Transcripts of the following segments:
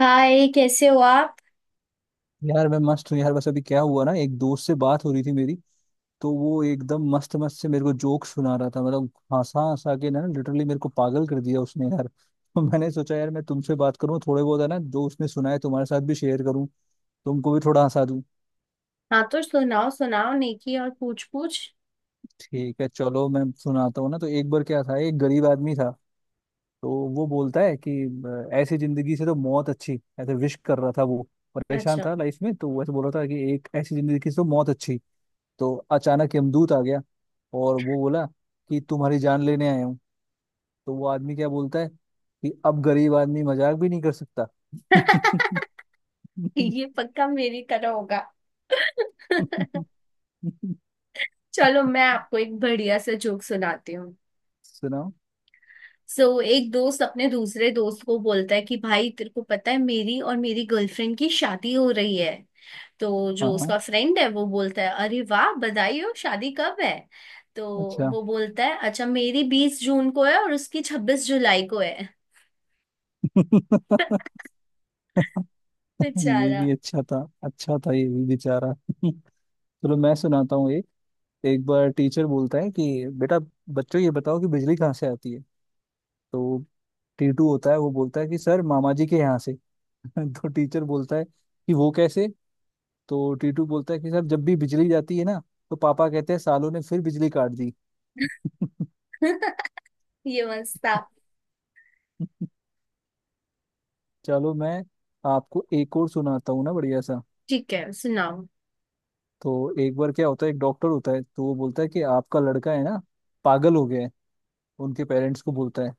हाय कैसे हो आप। यार मैं मस्त हूँ यार। बस अभी क्या हुआ ना, एक दोस्त से बात हो रही थी मेरी। तो वो एकदम मस्त मस्त से मेरे को जोक सुना रहा था। मतलब हंसा हंसा के ना लिटरली मेरे को पागल कर दिया उसने यार। तो मैंने सोचा यार मैं तुमसे बात करूँ, थोड़े बहुत है ना जो उसने सुनाए तुम्हारे साथ भी शेयर करूँ, तुमको भी थोड़ा हंसा दूं। हाँ तो सुनाओ सुनाओ, नेकी और पूछ पूछ। ठीक है, चलो मैं सुनाता हूँ ना। तो एक बार क्या था, एक गरीब आदमी था। तो वो बोलता है कि ऐसी जिंदगी से तो मौत अच्छी। ऐसे विश कर रहा था वो, परेशान अच्छा, था लाइफ में। तो वैसे बोल रहा था कि एक ऐसी जिंदगी से तो मौत अच्छी। तो अचानक यमदूत आ गया और वो बोला कि तुम्हारी जान लेने आया हूँ। तो वो आदमी क्या बोलता है कि अब गरीब आदमी मजाक भी नहीं कर सकता। ये पक्का मेरी तरह होगा। चलो मैं आपको एक बढ़िया सा जोक सुनाती हूँ। सुनाओ। सो एक दोस्त अपने दूसरे दोस्त को बोलता है कि भाई तेरे को पता है मेरी और मेरी गर्लफ्रेंड की शादी हो रही है। तो हाँ जो हाँ, उसका फ्रेंड है वो बोलता है अरे वाह बधाई हो, शादी कब है। तो अच्छा। वो बोलता है अच्छा मेरी 20 जून को है और उसकी 26 जुलाई को है। ये बेचारा। भी अच्छा था, अच्छा था ये भी, बेचारा। चलो मैं सुनाता हूँ एक। एक बार टीचर बोलता है कि बेटा, बच्चों ये बताओ कि बिजली कहाँ से आती है। तो टीटू होता है, वो बोलता है कि सर मामा जी के यहाँ से। तो टीचर बोलता है कि वो कैसे। तो टीटू बोलता है कि सर जब भी बिजली जाती है ना तो पापा कहते हैं सालों ने फिर बिजली काट दी। ये मस्त था। चलो मैं आपको एक और सुनाता हूँ ना बढ़िया सा। ठीक है सुनाओ। तो एक बार क्या होता है, एक डॉक्टर होता है। तो वो बोलता है कि आपका लड़का है ना पागल हो गया है। उनके पेरेंट्स को बोलता है।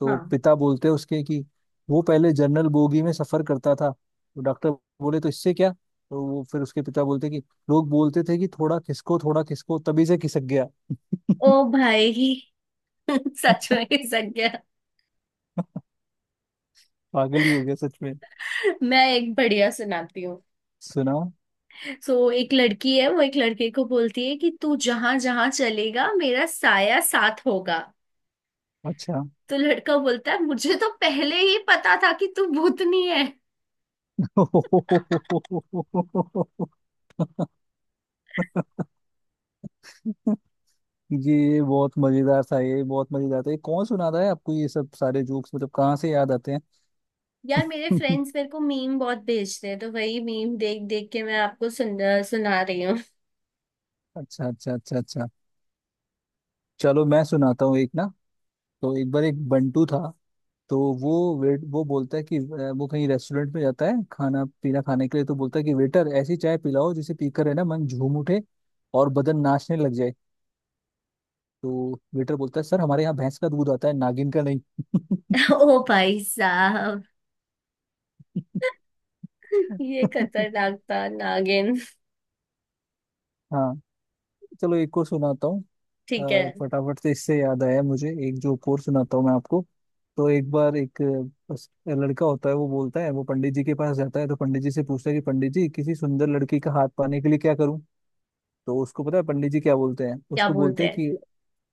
तो हाँ। पिता बोलते हैं उसके कि वो पहले जनरल बोगी में सफर करता था। तो डॉक्टर बोले तो इससे क्या। तो वो फिर उसके पिता बोलते कि लोग बोलते थे कि थोड़ा खिसको थोड़ा खिसको, तभी से खिसक गया। ओ भाई। सच में सच गया। पागल ही हो गया सच में। मैं एक बढ़िया सुनाती हूँ। सुनाओ। सो एक लड़की है वो एक लड़के को बोलती है कि तू जहां जहां चलेगा मेरा साया साथ होगा। अच्छा। तो लड़का बोलता है मुझे तो पहले ही पता था कि तू भूतनी है। ये बहुत मजेदार था, ये बहुत मजेदार था। ये कौन सुना रहा है आपको ये सब सारे जोक्स, मतलब कहाँ से याद आते हैं। यार मेरे फ्रेंड्स मेरे को मीम बहुत भेजते हैं तो वही मीम देख देख के मैं आपको सुन सुना रही हूँ। अच्छा अच्छा अच्छा अच्छा। चलो मैं सुनाता हूँ एक ना। तो एक बार एक बंटू था। तो वो वेट वो बोलता है कि वो कहीं रेस्टोरेंट में जाता है खाना पीना खाने के लिए। तो बोलता है कि वेटर ऐसी चाय पिलाओ जिसे पीकर है ना मन झूम उठे और बदन नाचने लग जाए। तो वेटर बोलता है सर हमारे यहाँ भैंस का दूध आता है, नागिन का नहीं। ओ भाई साहब, ये खतरनाक था नागिन। हाँ। चलो एक और सुनाता हूँ। ठीक है। फटाफट से इससे याद आया मुझे, एक जो और सुनाता हूँ मैं आपको। तो एक बार एक बस लड़का होता है। वो बोलता है, वो पंडित जी के पास जाता है। तो पंडित जी से पूछता है कि पंडित जी किसी सुंदर लड़की का हाथ पाने के लिए क्या करूं। तो उसको पता है पंडित जी क्या बोलते हैं, क्या उसको बोलते बोलते हैं कि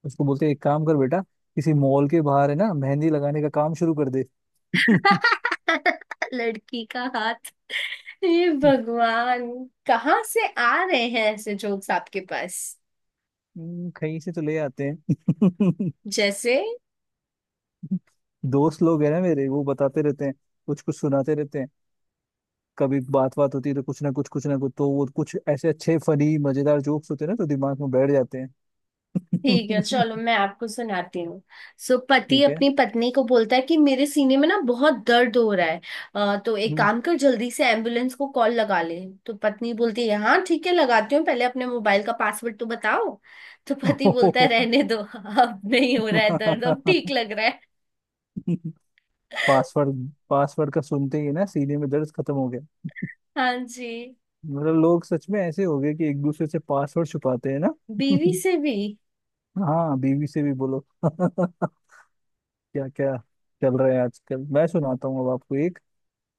उसको बोलते हैं एक काम कर बेटा, किसी मॉल के बाहर है ना मेहंदी लगाने का काम शुरू कर दे। हैं। लड़की का हाथ। हे भगवान, कहाँ से आ रहे हैं ऐसे जोक्स आपके पास। कहीं से तो ले आते हैं। जैसे। दोस्त लोग हैं ना मेरे, वो बताते रहते हैं, कुछ कुछ सुनाते रहते हैं। कभी बात बात होती है तो कुछ ना कुछ, कुछ ना कुछ, तो वो कुछ ऐसे अच्छे फनी मजेदार जोक्स होते हैं ना तो दिमाग में बैठ जाते ठीक है हैं। चलो मैं आपको सुनाती हूँ। सो पति ठीक है। अपनी पत्नी को बोलता है कि मेरे सीने में ना बहुत दर्द हो रहा है। तो एक हम्म। काम कर जल्दी से एम्बुलेंस को कॉल लगा ले। तो पत्नी बोलती है हाँ ठीक है लगाती हूँ, पहले अपने मोबाइल का पासवर्ड तो बताओ। तो पति बोलता है रहने दो अब नहीं हो रहा है दर्द, अब ठीक लग रहा है। पासवर्ड पासवर्ड का सुनते ही ना सीने में दर्द खत्म हो गया। हाँ जी। मतलब लोग सच में ऐसे हो गए कि एक दूसरे से पासवर्ड छुपाते हैं ना। बीवी से भी। हाँ बीवी से भी बोलो। क्या क्या चल रहा है आजकल। मैं सुनाता हूँ अब आपको एक।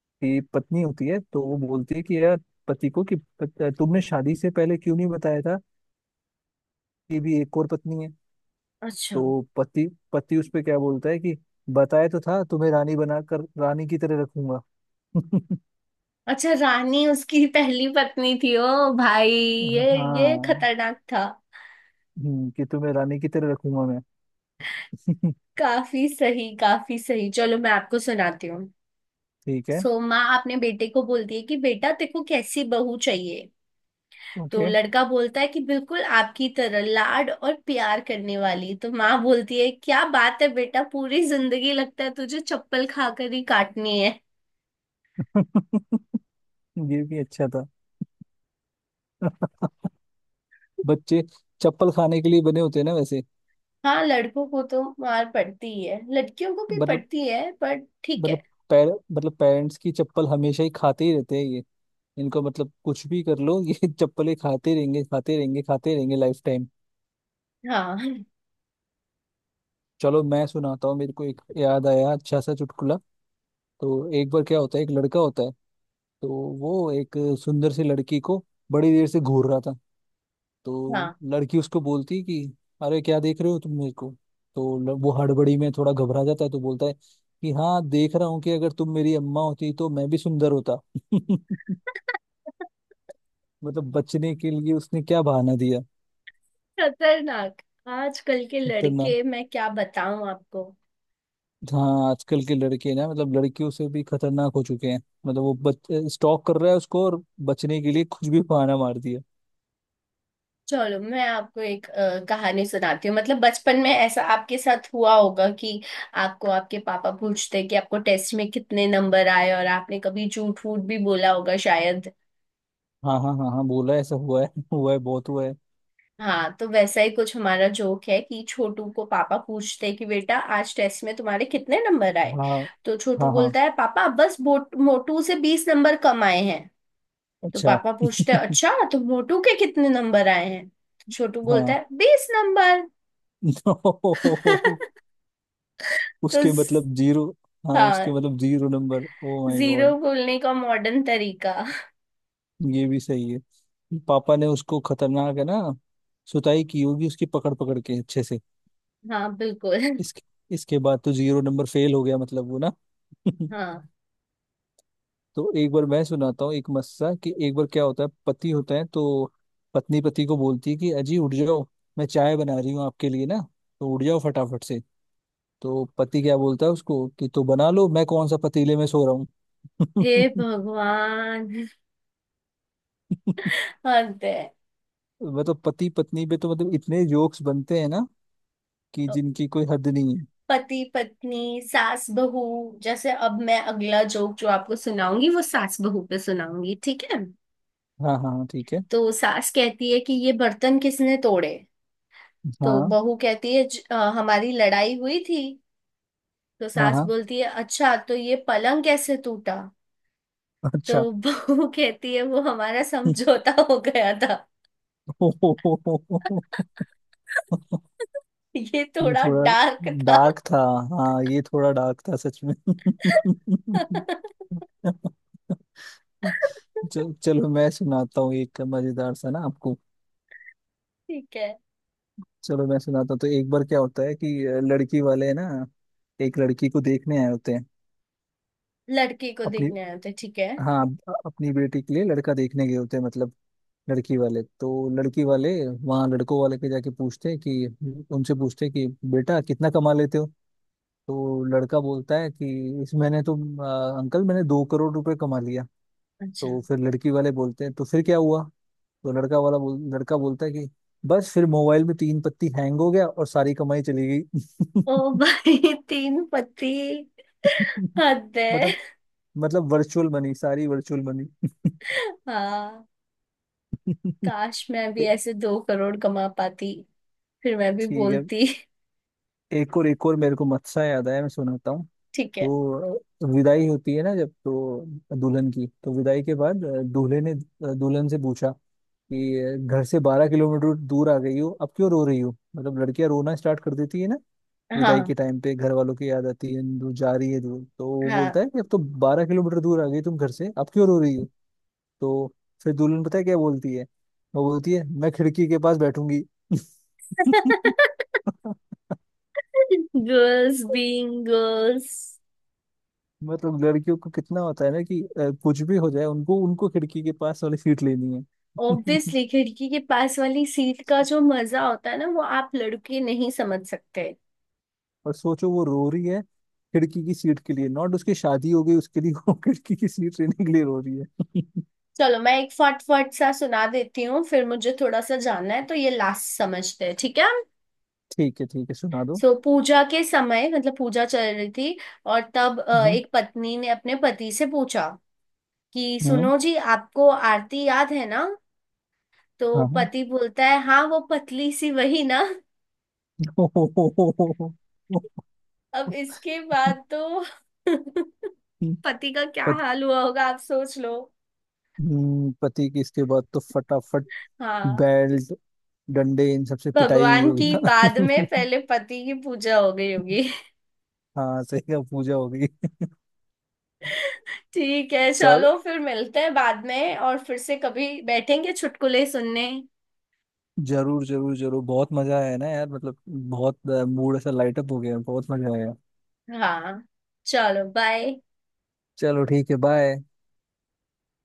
की पत्नी होती है, तो वो बोलती है कि यार, पति को कि तुमने शादी से पहले क्यों नहीं बताया था कि भी एक और पत्नी है। अच्छा तो पति पति उस पे क्या बोलता है कि बताया तो था, तुम्हें रानी बनाकर रानी की तरह रखूंगा। अच्छा, रानी उसकी पहली पत्नी थी। ओ भाई ये हाँ। खतरनाक था। कि तुम्हें रानी की तरह रखूंगा मैं। काफी सही काफी सही, चलो मैं आपको सुनाती हूँ। ठीक है। सो माँ अपने बेटे को बोलती है कि बेटा तेको कैसी बहू चाहिए। तो ओके। लड़का बोलता है कि बिल्कुल आपकी तरह लाड और प्यार करने वाली। तो माँ बोलती है क्या बात है बेटा, पूरी जिंदगी लगता है तुझे चप्पल खाकर ही काटनी है। ये भी अच्छा था। बच्चे चप्पल खाने के लिए बने होते हैं ना वैसे। हाँ, लड़कों को तो मार पड़ती है लड़कियों को भी मतलब, पड़ती है, पर ठीक है। मतलब पैर, मतलब पेरेंट्स की चप्पल हमेशा ही खाते ही रहते हैं। इनको मतलब कुछ भी कर लो, ये चप्पलें खाते रहेंगे, खाते रहेंगे, खाते रहेंगे लाइफ टाइम। हाँ चलो मैं सुनाता हूँ, मेरे को एक याद आया अच्छा सा चुटकुला। तो एक बार क्या होता है, एक लड़का होता है। तो वो एक सुंदर सी लड़की को बड़ी देर से घूर रहा था। तो हाँ। लड़की उसको बोलती है कि अरे क्या देख रहे हो तुम मेरे को। तो वो हड़बड़ी में थोड़ा घबरा जाता है, तो बोलता है कि हाँ देख रहा हूँ कि अगर तुम मेरी अम्मा होती तो मैं भी सुंदर होता। मतलब बचने के लिए उसने क्या बहाना दिया। खतरनाक, आजकल के खतरनाक। लड़के मैं क्या बताऊं आपको। हाँ आजकल के लड़के ना मतलब लड़कियों से भी खतरनाक हो चुके हैं। मतलब वो बच स्टॉक कर रहा है उसको और बचने के लिए कुछ भी बहाना मार दिया। चलो मैं आपको एक कहानी सुनाती हूँ, मतलब बचपन में ऐसा आपके साथ हुआ होगा कि आपको आपके पापा पूछते कि आपको टेस्ट में कितने नंबर आए, और आपने कभी झूठ फूट भी बोला होगा शायद। हाँ हाँ हाँ हाँ, बोला है, ऐसा हुआ है। हुआ है, बहुत हुआ है। हाँ तो वैसा ही कुछ हमारा जोक है कि छोटू को पापा पूछते कि बेटा आज टेस्ट में तुम्हारे कितने नंबर आए। हाँ तो छोटू हाँ। हाँ। बोलता है पापा बस मोटू से 20 नंबर कम आए हैं। तो अच्छा। पापा पूछते हैं अच्छा तो मोटू के कितने नंबर आए हैं। तो छोटू बोलता हाँ। है 20 नंबर। नो, तो उसके ज- मतलब जीरो। हाँ उसके हाँ। मतलब zero number, oh my zero god. बोलने का मॉडर्न तरीका। ये भी सही है। पापा ने उसको, खतरनाक है ना, सुताई की होगी उसकी पकड़ पकड़ के अच्छे से। हाँ बिल्कुल। इसके इसके बाद तो जीरो नंबर फेल हो गया मतलब वो ना। हाँ। तो एक बार मैं सुनाता हूँ एक मस्सा, कि एक बार क्या होता है पति होता है। तो पत्नी पति को बोलती है कि अजी उठ जाओ, मैं चाय बना रही हूँ आपके लिए ना। तो उठ जाओ फटाफट से। तो पति क्या बोलता है उसको कि तो बना लो, मैं कौन सा पतीले में सो रहा हे हूँ। भगवान, हद है। मतलब पति पत्नी पे तो मतलब इतने जोक्स बनते हैं ना कि जिनकी कोई हद नहीं है। पति पत्नी, सास बहू। जैसे अब मैं अगला जोक जो आपको सुनाऊंगी वो सास बहू पे सुनाऊंगी ठीक है। हाँ हाँ हाँ, ठीक है। तो सास कहती है कि ये बर्तन किसने तोड़े। तो हाँ बहू कहती है हमारी लड़ाई हुई थी। तो हाँ सास हाँ। बोलती है अच्छा तो ये पलंग कैसे टूटा। अच्छा। तो बहू कहती है वो हमारा समझौता हो गया था। ये ये थोड़ा थोड़ा डार्क था। डार्क था। हाँ ये थोड़ा डार्क था सच में। चल, चलो मैं सुनाता हूँ एक मजेदार सा ना आपको। ठीक है। चलो मैं सुनाता हूँ। तो एक बार क्या होता है कि लड़की वाले ना एक लड़की को देखने आए होते हैं लड़की को अपनी। देखने आए थे, ठीक है। हाँ। अपनी बेटी के लिए लड़का देखने गए होते हैं मतलब लड़की वाले। तो लड़की वाले वहाँ लड़कों वाले के जाके पूछते हैं कि, उनसे पूछते हैं कि बेटा कितना कमा लेते हो। तो लड़का बोलता है कि इस मैंने तो अंकल मैंने 2 करोड़ रुपए कमा लिया। अच्छा। तो फिर लड़की वाले बोलते हैं तो फिर क्या हुआ। तो लड़का बोलता है कि बस फिर मोबाइल में तीन पत्ती हैंग हो गया और सारी कमाई चली गई। ओ भाई तीन पति, हद है। मतलब, मतलब वर्चुअल मनी, सारी वर्चुअल मनी। हाँ, काश मैं भी ए- ऐसे 2 करोड़ कमा पाती, फिर मैं भी ठीक है। बोलती। एक और, एक और मेरे को मत्सा याद आया, मैं सुनाता हूँ। ठीक है। तो विदाई होती है ना जब, तो दुल्हन की, तो विदाई के बाद दूल्हे ने दुल्हन से पूछा कि घर से 12 किलोमीटर दूर आ गई हो, अब क्यों रो रही हो। मतलब लड़कियां रोना स्टार्ट कर देती है ना विदाई के हाँ टाइम पे, घर वालों की याद आती है, दूर जा रही है दूर। तो वो हाँ। बोलता है कि अब तो 12 किलोमीटर दूर आ गई तुम घर से, अब क्यों रो रही हो। तो फिर दुल्हन पता है क्या बोलती है, वो बोलती है मैं खिड़की के पास बैठूंगी। Girls being girls. मतलब लड़कियों को कितना होता है ना कि कुछ भी हो जाए उनको, उनको खिड़की के पास वाली सीट लेनी है। ऑब्वियसली खिड़की के पास वाली सीट का जो मजा होता है ना वो आप लड़के नहीं समझ सकते। और सोचो वो रो रही है खिड़की की सीट के लिए, नॉट उसकी शादी हो गई उसके लिए। वो खिड़की की सीट लेने के लिए रो रही है। चलो मैं एक फटफट सा सुना देती हूँ, फिर मुझे थोड़ा सा जानना है, तो ये लास्ट समझते हैं ठीक है। ठीक है ठीक है, सुना दो। सो पूजा के समय, मतलब पूजा चल रही थी, और तब हम्म। एक पत्नी ने अपने पति से पूछा कि हम्म। सुनो जी आपको आरती याद है ना। तो हाँ हाँ। पति बोलता है हाँ वो पतली सी वही ना। अब इसके बाद तो पति का क्या पत- हाल हुआ होगा आप सोच लो। पति की इसके बाद तो फटाफट हाँ, बेल्ट डंडे इन सबसे पिटाई हुई भगवान होगी की बाद में ना। पहले पति की पूजा हो गई होगी। हाँ सही का पूजा होगी। ठीक है चल, चलो फिर मिलते हैं बाद में और फिर से कभी बैठेंगे चुटकुले सुनने। जरूर जरूर जरूर, बहुत मजा आया ना यार, मतलब बहुत। मूड ऐसा लाइट अप हो गया, बहुत मजा आया। हाँ चलो बाय। चलो ठीक है, बाय।